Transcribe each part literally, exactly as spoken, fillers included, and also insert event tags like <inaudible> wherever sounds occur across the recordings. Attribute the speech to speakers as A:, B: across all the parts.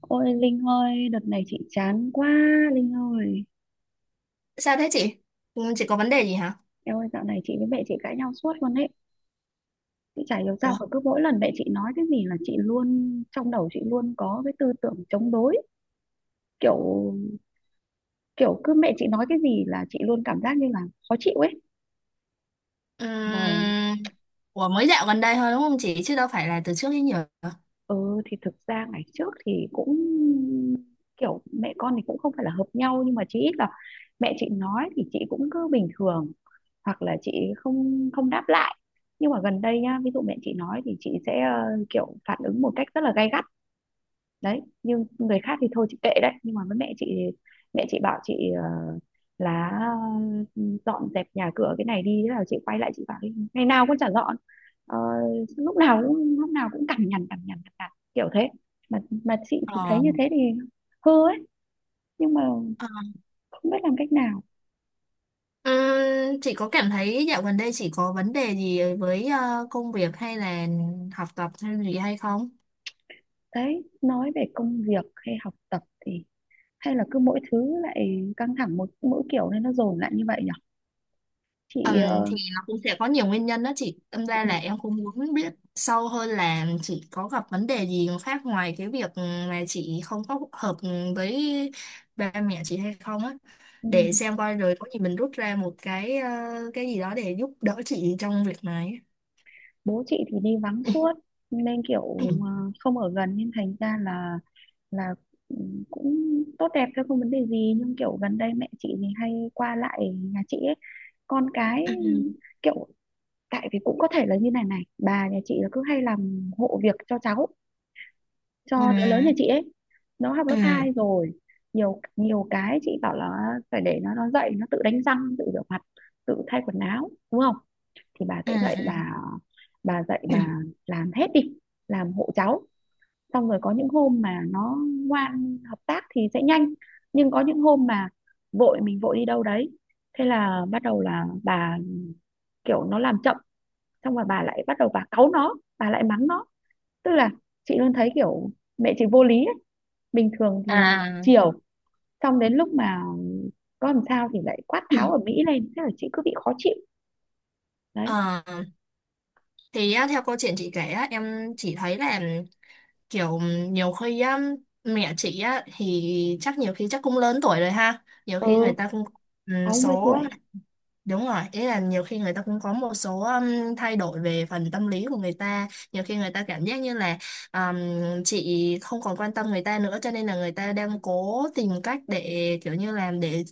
A: Ôi Linh ơi, đợt này chị chán quá, Linh ơi.
B: Sao thế chị? Ừ, chị có vấn đề gì hả?
A: Em ơi, dạo này chị với mẹ chị cãi nhau suốt luôn ấy. Chị chả hiểu sao
B: Ủa?
A: mà cứ mỗi lần mẹ chị nói cái gì là chị luôn, trong đầu chị luôn có cái tư tưởng chống đối. Kiểu kiểu cứ mẹ chị nói cái gì là chị luôn cảm giác như là khó chịu ấy. Mà
B: Ừm. Ủa, mới dạo gần đây thôi đúng không chị? Chứ đâu phải là từ trước đến giờ.
A: ừ thì thực ra ngày trước thì cũng kiểu mẹ con thì cũng không phải là hợp nhau, nhưng mà chỉ ít là mẹ chị nói thì chị cũng cứ bình thường, hoặc là chị không không đáp lại. Nhưng mà gần đây nhá, ví dụ mẹ chị nói thì chị sẽ ờ, kiểu phản ứng một cách rất là gay gắt đấy. Nhưng người khác thì thôi chị kệ, đấy nhưng mà với mẹ chị thì mẹ chị bảo chị ờ, là ờ, dọn dẹp nhà cửa cái này đi, thế là chị quay lại chị bảo "Ê, ngày nào con chả dọn. Ờ, lúc nào cũng lúc nào cũng cằn nhằn cằn nhằn cằn nhằn kiểu thế". Mà mà chị thì thấy
B: Ờ.
A: như thế thì hư ấy, nhưng mà
B: Ờ.
A: không biết làm cách nào.
B: Ừm, Chị có cảm thấy dạo gần đây chị có vấn đề gì với ờ, công việc hay là học tập hay gì hay không?
A: Đấy, nói về công việc hay học tập thì hay là cứ mỗi thứ lại căng thẳng một mỗi kiểu, nên nó dồn lại như vậy nhỉ. Chị
B: Ừm,
A: ờ,
B: thì nó cũng sẽ có nhiều nguyên nhân đó chị. Tâm ra
A: ừ,
B: là em cũng muốn biết sâu hơn là chị có gặp vấn đề gì khác ngoài cái việc mà chị không có hợp với ba mẹ chị hay không á.
A: ừ.
B: Để xem coi rồi có gì mình rút ra một cái ờ, cái gì đó để giúp đỡ chị trong việc này.
A: Bố chị thì đi vắng suốt nên kiểu ờ,
B: <coughs>
A: không ở gần nên thành ra là là ừ, cũng tốt đẹp thôi, không vấn đề gì. Nhưng kiểu gần đây mẹ chị thì hay qua lại nhà chị ấy, con cái kiểu, tại vì cũng có thể là như này này, bà nhà chị là cứ hay làm hộ việc cho cháu,
B: Ừ,
A: cho đứa lớn
B: ừ,
A: nhà chị ấy. Nó học
B: ừ,
A: lớp hai rồi, nhiều nhiều cái chị bảo là phải để nó nó dậy nó tự đánh răng, tự rửa mặt, tự thay quần áo, đúng không? Thì bà sẽ dạy
B: ừ.
A: bà bà dạy bà
B: <coughs>
A: làm hết đi, làm hộ cháu. Xong rồi có những hôm mà nó ngoan hợp tác thì sẽ nhanh, nhưng có những hôm mà vội, mình vội đi đâu đấy, thế là bắt đầu là bà kiểu, nó làm chậm xong rồi bà lại bắt đầu bà cáu nó, bà lại mắng nó. Tức là chị luôn thấy kiểu mẹ chị vô lý ấy. Bình thường thì
B: À,
A: chiều, xong đến lúc mà có làm sao thì lại quát tháo ở Mỹ lên, thế là chị cứ bị khó chịu. Đấy.
B: ờ, thì á, theo câu chuyện chị kể á, em chỉ thấy là kiểu nhiều khi á, mẹ chị á thì chắc nhiều khi chắc cũng lớn tuổi rồi ha, nhiều
A: Ừ,
B: khi người ta cũng ừ,
A: sáu mươi
B: số.
A: tuổi.
B: Đúng rồi, ý là nhiều khi người ta cũng có một số um, thay đổi về phần tâm lý của người ta. Nhiều khi người ta cảm giác như là um, chị không còn quan tâm người ta nữa, cho nên là người ta đang cố tìm cách để kiểu như làm để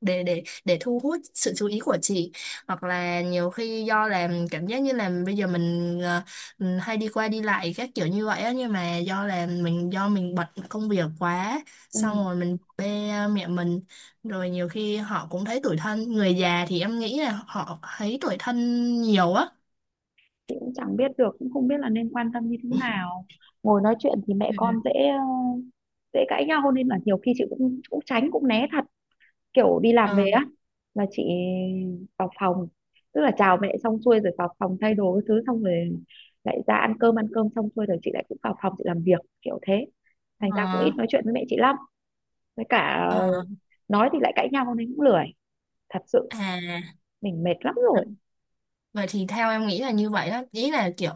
B: để để để thu hút sự chú ý của chị, hoặc là nhiều khi do làm cảm giác như là bây giờ mình ờ, ừ, hay đi qua đi lại các kiểu như vậy á, nhưng mà do là mình do mình bận công việc quá, xong
A: Ừ.
B: rồi mình bê mẹ mình, rồi nhiều khi họ cũng thấy tủi thân, người già thì em nghĩ là họ thấy tủi thân nhiều á.
A: Chị cũng chẳng biết được, cũng không biết là nên quan tâm như thế nào. Ngồi nói chuyện thì mẹ
B: Ừ.
A: con dễ ờ, dễ cãi nhau, nên là nhiều khi chị cũng cũng tránh cũng né thật. Kiểu đi
B: Ừ.
A: làm về á là chị vào phòng, tức là chào mẹ xong xuôi rồi vào phòng thay đồ cái thứ, xong rồi lại ra ăn cơm, ăn cơm xong xuôi rồi chị lại cũng vào phòng chị làm việc kiểu thế. Thành ra cũng ít
B: Ờ.
A: nói chuyện với mẹ chị lắm. Với cả
B: Ờ,
A: ờ,
B: ờ,
A: nói thì lại cãi nhau nên cũng lười, thật sự
B: à.
A: mình mệt lắm rồi.
B: Vậy thì theo em nghĩ là như vậy đó, ý là kiểu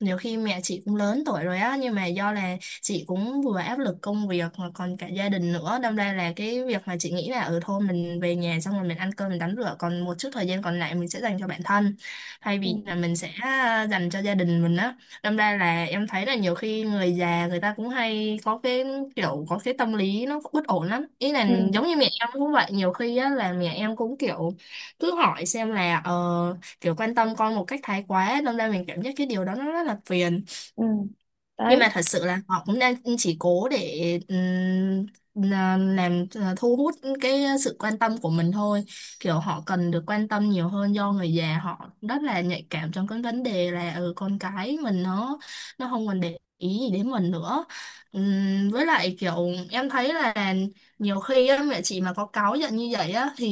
B: nhiều khi mẹ chị cũng lớn tuổi rồi á, nhưng mà do là chị cũng vừa áp lực công việc mà còn cả gia đình nữa, đâm ra là cái việc mà chị nghĩ là ở thôi mình về nhà xong rồi mình ăn cơm, mình tắm rửa, còn một chút thời gian còn lại mình sẽ dành cho bản thân thay
A: Ừ,
B: vì là mình sẽ à, dành cho gia đình mình á. Đâm ra là em thấy là nhiều khi người già người ta cũng hay có cái kiểu, có cái tâm lý nó bất ổn lắm, ý là
A: ừ,
B: giống như mẹ em cũng vậy, nhiều khi á là mẹ em cũng kiểu cứ hỏi xem là ờ kiểu quan tâm con một cách thái quá ấy, đâm ra mình cảm giác cái điều đó nó rất là phiền,
A: ừ,
B: nhưng
A: đấy.
B: mà thật sự là họ cũng đang chỉ cố để ừm, là- làm ờ, thu hút cái sự quan tâm của mình thôi, kiểu họ cần được quan tâm nhiều hơn do người già họ rất là nhạy cảm trong cái vấn đề là ừ, con cái mình nó nó không còn để ý gì đến mình nữa. Ừm, với lại kiểu em thấy là nhiều khi á, mẹ chị mà có cáu giận như vậy á thì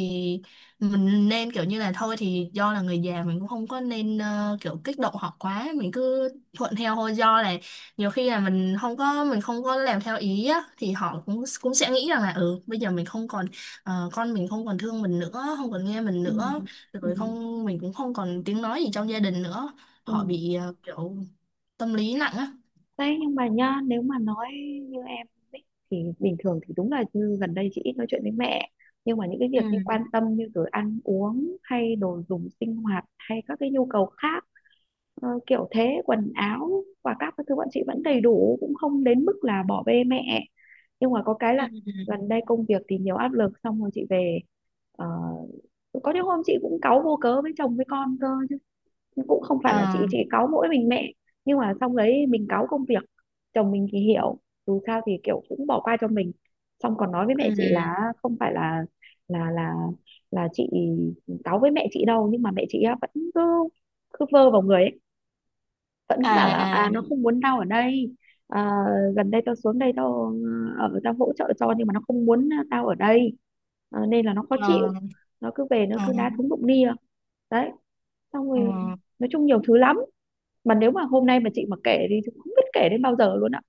B: mình nên kiểu như là thôi thì do là người già mình cũng không có nên ờ, kiểu kích động họ quá, mình cứ thuận theo thôi. Do là nhiều khi là mình không có mình không có làm theo ý á, thì họ cũng cũng sẽ nghĩ rằng là ừ bây giờ mình không còn ờ, con mình không còn thương mình nữa, không còn nghe mình
A: Ừ,
B: nữa,
A: ừ,
B: rồi không mình cũng không còn tiếng nói gì trong gia đình nữa,
A: ừ.
B: họ bị ờ, kiểu tâm lý nặng á.
A: Đấy nhưng mà nhá, nếu mà nói như em ấy, thì bình thường thì đúng là như gần đây chị ít nói chuyện với mẹ, nhưng mà những cái việc như
B: Ừ
A: quan tâm, như rồi ăn uống hay đồ dùng sinh hoạt hay các cái nhu cầu khác ờ, kiểu thế, quần áo và các cái thứ bọn chị vẫn đầy đủ, cũng không đến mức là bỏ bê mẹ. Nhưng mà có cái là
B: ừ
A: gần đây công việc thì nhiều áp lực, xong rồi chị về ờ, có những hôm chị cũng cáu vô cớ với chồng với con cơ, cũng không phải là chị
B: à
A: chị cáu mỗi mình mẹ. Nhưng mà xong đấy mình cáu công việc, chồng mình thì hiểu, dù sao thì kiểu cũng bỏ qua cho mình. Xong còn nói với mẹ chị
B: ừ
A: là không phải là là là là chị cáu với mẹ chị đâu, nhưng mà mẹ chị á vẫn cứ cứ vơ vào người ấy, vẫn cứ bảo là
B: à à
A: à nó không muốn tao ở đây. Ờ, gần đây tao xuống đây tao ở, tao hỗ trợ cho, nhưng mà nó không muốn tao ở đây. Ờ, nên là nó khó chịu,
B: à
A: nó cứ về nó
B: à, à,
A: cứ đá thúng đụng nia. Đấy, xong rồi
B: à.
A: nói chung nhiều thứ lắm, mà nếu mà hôm nay mà chị mà kể thì chị không biết kể đến bao giờ luôn ạ.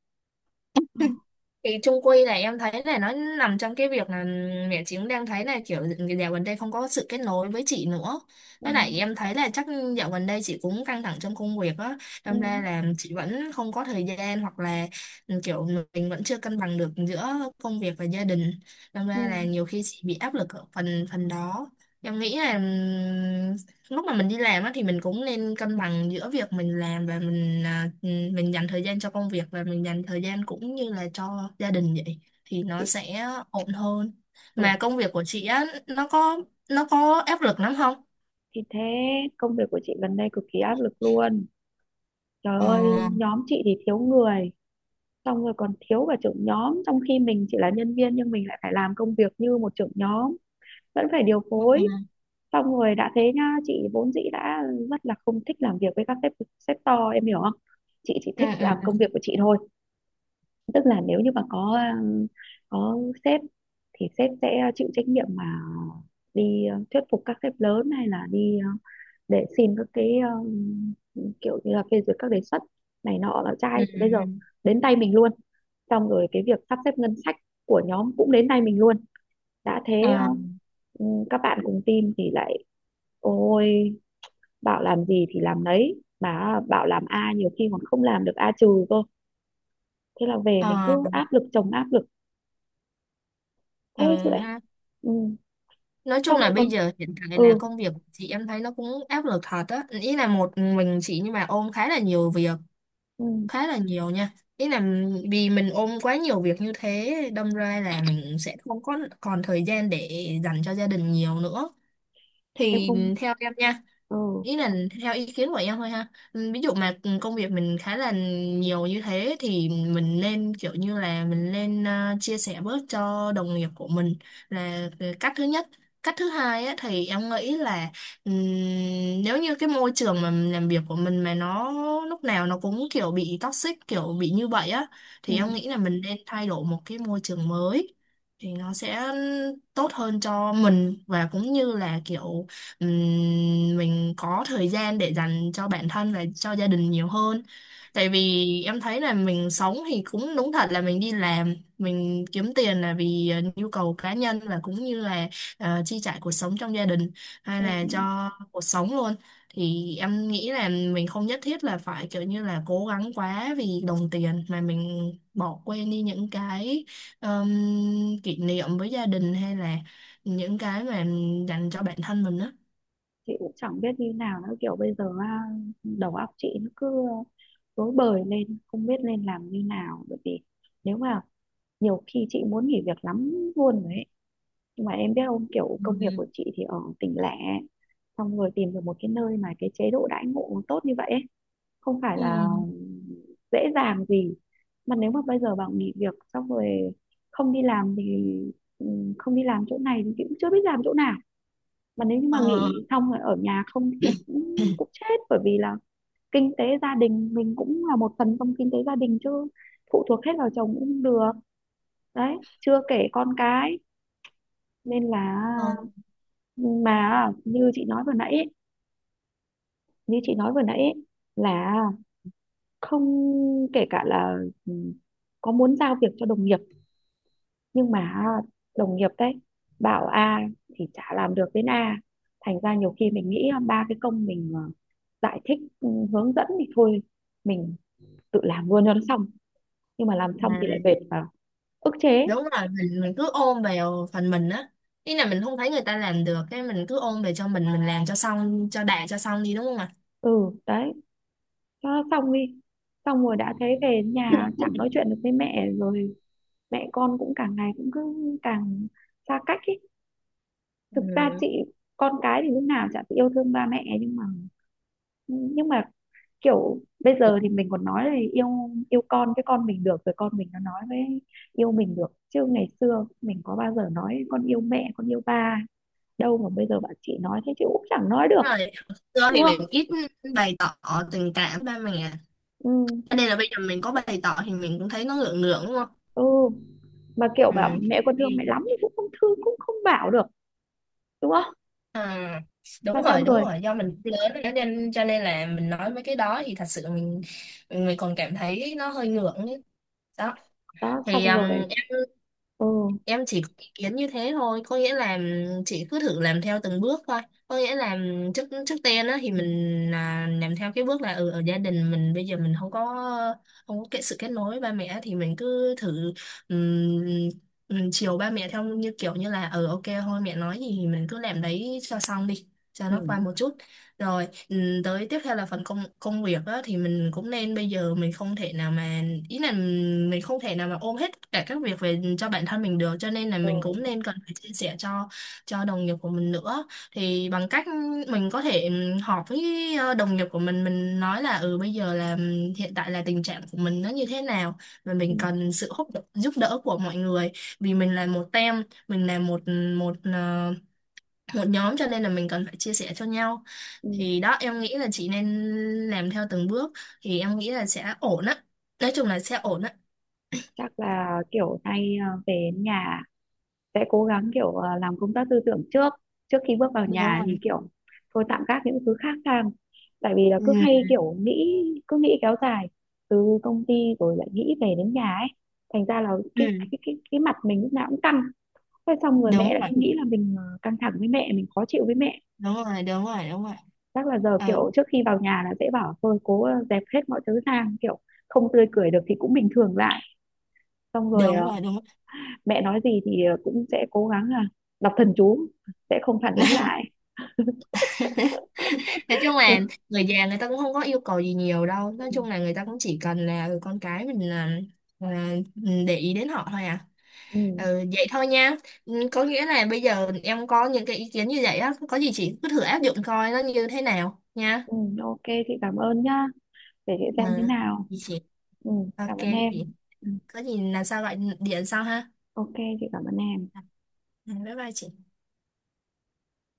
B: Thì chung quy này em thấy này nó nằm trong cái việc là mẹ chị cũng đang thấy là kiểu dạo gần đây không có sự kết nối với chị nữa.
A: Ừ,
B: Với lại em thấy là chắc dạo gần đây chị cũng căng thẳng trong công việc á,
A: ừ,
B: đâm ra là chị vẫn không có thời gian, hoặc là ừ, kiểu mình vẫn chưa cân bằng được giữa công việc và gia đình, đâm
A: ừ.
B: ra là nhiều khi chị bị áp lực ở phần phần đó. Em nghĩ là ừ, lúc mà mình đi làm á thì mình cũng nên cân bằng giữa việc mình làm và mình à, ừ, mình dành thời gian cho công việc và mình dành thời gian cũng như là cho gia đình vậy, thì nó
A: Chị
B: sẽ ổn hơn.
A: ừ
B: Mà công việc của chị á nó có nó có áp lực lắm không?
A: thì thế, công việc của chị gần đây cực kỳ áp lực luôn. Trời
B: Ờ
A: ơi, nhóm chị thì thiếu người, xong rồi còn thiếu cả trưởng nhóm, trong khi mình chỉ là nhân viên nhưng mình lại phải làm công việc như một trưởng nhóm, vẫn phải điều
B: ừ ừ
A: phối. Xong rồi đã thế nhá, chị vốn dĩ đã rất là không thích làm việc với các sếp, sếp to, em hiểu không? Chị chỉ
B: ừ
A: thích làm công
B: ừ
A: việc của chị thôi. Tức là nếu như mà có ừ, có sếp thì sếp sẽ chịu trách nhiệm mà đi ờ, thuyết phục các sếp lớn, hay là đi ờ, để xin các cái um, kiểu như là phê duyệt các đề xuất này nọ, là
B: ừ
A: trai thì bây giờ đến tay mình luôn. Xong rồi cái việc sắp xếp ngân sách của nhóm cũng đến tay mình luôn. Đã thế ờ,
B: ờ
A: các bạn cùng team thì lại ôi, bảo làm gì thì làm đấy, mà bảo làm A nhiều khi còn không làm được A trừ cơ. Thế là về
B: ờ
A: mình cứ áp lực chồng áp lực. Thế
B: ờ
A: chứ lại
B: ha.
A: ừ.
B: Nói chung
A: Xong
B: là
A: rồi
B: bây
A: còn
B: giờ hiện tại là
A: ừ,
B: công việc chị em thấy nó cũng áp lực thật á, ý là một mình chị nhưng mà ôm khá là nhiều việc,
A: ừ
B: khá là nhiều nha. Ý là vì mình ôm quá nhiều việc như thế đâm ra là mình sẽ không có còn thời gian để dành cho gia đình nhiều nữa.
A: em
B: Thì
A: không,
B: theo em nha,
A: ừ,
B: ý là theo ý kiến của em thôi ha. Ừ, ví dụ mà công việc mình khá là nhiều như thế thì mình nên kiểu như là mình nên ờ, chia sẻ bớt cho đồng nghiệp của mình, là cái cách thứ nhất. Cách thứ hai á, thì em nghĩ là ừm, nếu như cái môi trường mà mình làm việc của mình mà nó lúc nào nó cũng kiểu bị toxic, kiểu bị như vậy á,
A: ừ,
B: thì em nghĩ là mình nên thay đổi một cái môi trường mới, thì nó sẽ tốt hơn cho mình và cũng như là kiểu ừm, mình có thời gian để dành cho bản thân và cho gia đình nhiều hơn. Tại vì em thấy là mình sống thì cũng đúng thật là mình đi làm mình kiếm tiền là vì ờ, nhu cầu cá nhân và cũng như là ờ, chi trả cuộc sống trong gia đình hay
A: ừ.
B: là cho cuộc sống luôn. Thì em nghĩ là mình không nhất thiết là phải kiểu như là cố gắng quá vì đồng tiền mà mình bỏ quên đi những cái ờm, kỷ niệm với gia đình hay là những cái mà dành cho bản thân mình đó.
A: Chị cũng chẳng biết như nào nữa, kiểu bây giờ á, đầu óc chị nó cứ rối bời lên không biết nên làm như nào, bởi vì nếu mà nhiều khi chị muốn nghỉ việc lắm luôn rồi ấy. Nhưng mà em biết không, kiểu công việc
B: Ừ.
A: của chị thì ở tỉnh lẻ, xong rồi tìm được một cái nơi mà cái chế độ đãi ngộ tốt như vậy ấy, không phải
B: Ừ.
A: là dễ dàng gì. Mà nếu mà bây giờ bảo nghỉ việc xong rồi không đi làm thì ừ, không đi làm chỗ này thì chị cũng chưa biết làm chỗ nào. Mà nếu như mà
B: Ờ.
A: nghỉ xong rồi ở nhà không thì cũng
B: <coughs>
A: cũng chết, bởi vì là kinh tế gia đình mình cũng là một phần trong kinh tế gia đình chứ, phụ thuộc hết vào chồng cũng không được. Đấy, chưa kể con cái, nên là
B: Ờ,
A: mà như chị nói vừa nãy ấy, như chị nói vừa nãy ấy, là không, kể cả là ừ, có muốn giao việc cho đồng nghiệp, nhưng mà à, đồng nghiệp đấy bảo A thì chả làm được đến A. Thành ra nhiều khi mình nghĩ là ba cái công mình ờ, giải thích, ừ, hướng dẫn, thì thôi mình tự làm luôn cho nó xong, nhưng mà làm xong
B: à,
A: thì lại về vào ức chế.
B: đúng rồi, mình mình cứ ôm vào phần mình á, ý là mình không thấy người ta làm được cái mình cứ ôm về cho mình mình làm cho xong cho đạt cho xong đi đúng không ạ?
A: Ừ, đấy, cho nó xong đi. Xong rồi đã thấy về nhà chẳng nói chuyện được với mẹ rồi, mẹ con cũng càng ngày cũng cứ càng xa cách ấy. Thực
B: Ừ.
A: ra chị, con cái thì lúc nào chả phải yêu thương ba mẹ, nhưng mà ừ, nhưng mà kiểu bây giờ thì mình còn nói là yêu, yêu con cái, con mình được rồi, con mình nó nói với yêu mình được, chứ ngày xưa mình có bao giờ nói con yêu mẹ, con yêu ba đâu, mà bây giờ bạn chị nói thế chị cũng chẳng nói được,
B: Đúng rồi, xưa
A: đúng
B: thì
A: không?
B: mình ít bày tỏ tình cảm ba mẹ.
A: Ừ,
B: Cho nên là bây giờ mình có bày tỏ thì mình cũng thấy nó ngượng ngượng đúng không?
A: ừ. Mà kiểu
B: Ừ.
A: bảo mẹ con thương
B: Ừ.
A: mẹ lắm thì cũng không thương, cũng không bảo được, đúng không?
B: À,
A: Mà
B: đúng
A: xong
B: rồi đúng
A: rồi,
B: rồi, do mình lớn rồi cho nên cho nên là mình nói mấy cái đó thì thật sự mình mình còn cảm thấy nó hơi ngượng ấy. Đó
A: đó,
B: thì
A: xong
B: um,
A: rồi.
B: em
A: Ừ,
B: em chỉ có ý kiến như thế thôi, có nghĩa là um, chị cứ thử làm theo từng bước thôi, có nghĩa là um, trước trước tiên á thì mình à, làm theo cái bước là ừ, ở gia đình mình bây giờ mình không có không có cái sự kết nối với ba mẹ thì mình cứ thử um, um, chiều ba mẹ theo như kiểu như là ừ ok thôi, mẹ nói gì thì mình cứ làm đấy cho xong đi, cho
A: ừ,
B: nó qua một chút. Rồi, ừ, tới tiếp theo là phần công công việc á, thì mình cũng nên, bây giờ mình không thể nào mà, ý là mình không thể nào mà ôm hết tất cả các việc về cho bản thân mình được, cho nên là
A: ừ,
B: mình cũng nên cần phải chia sẻ cho cho đồng nghiệp của mình nữa, thì bằng cách mình có thể ừ, họp với ờ, đồng nghiệp của mình mình nói là ừ bây giờ là ừ, hiện tại là tình trạng của mình nó như thế nào và
A: ừ.
B: mình cần sự hỗ trợ- giúp đỡ của mọi người. Vì mình là một team, mình là một một ờ, một nhóm, cho nên là mình cần phải chia sẻ cho nhau.
A: Ừ.
B: Thì đó em nghĩ là chị nên làm theo từng bước, thì em nghĩ là sẽ ổn á, nói chung là sẽ ổn á.
A: Chắc là kiểu nay à, về nhà sẽ cố gắng kiểu ờ, làm công tác tư tưởng trước, trước khi bước vào
B: Đúng
A: nhà thì
B: rồi.
A: kiểu thôi tạm gác những thứ khác sang, tại vì là
B: Ừ,
A: cứ hay kiểu nghĩ, cứ nghĩ kéo dài, từ công ty rồi lại nghĩ về đến nhà ấy. Thành ra là cái cái
B: ừ,
A: cái, cái mặt mình lúc nào cũng căng thế, xong rồi mẹ
B: đúng
A: lại
B: rồi
A: cứ nghĩ là mình ờ, căng thẳng với mẹ, mình khó chịu với mẹ.
B: đúng rồi đúng rồi đúng rồi.
A: Chắc là giờ
B: Ừ,
A: kiểu trước khi vào nhà là sẽ bảo thôi cố ờ, dẹp hết mọi thứ sang, kiểu không tươi cười được thì cũng bình thường lại. Xong rồi
B: đúng
A: ờ,
B: rồi đúng.
A: mẹ nói gì thì ờ, cũng sẽ cố gắng là đọc thần chú, sẽ không phản ứng
B: <laughs>
A: lại.
B: Nói chung
A: Ừ,
B: là người già người ta cũng không có yêu cầu gì nhiều đâu, nói chung là người ta cũng chỉ cần là ừ, con cái mình là, là để ý đến họ thôi à.
A: ừ,
B: Ừ, vậy thôi nha. Ừ, có nghĩa là bây giờ em có những cái ý kiến như vậy á, có gì chị cứ thử áp dụng coi nó như thế nào nha.
A: ừ, ok, chị cảm ơn nhá, để chị
B: Ừ,
A: xem thế nào.
B: chị.
A: Ừ,
B: Ok
A: cảm ơn em.
B: chị.
A: Ừ,
B: Có gì là sao gọi điện sau ha.
A: ok, chị cảm ơn em.
B: Ừ, bye bye chị.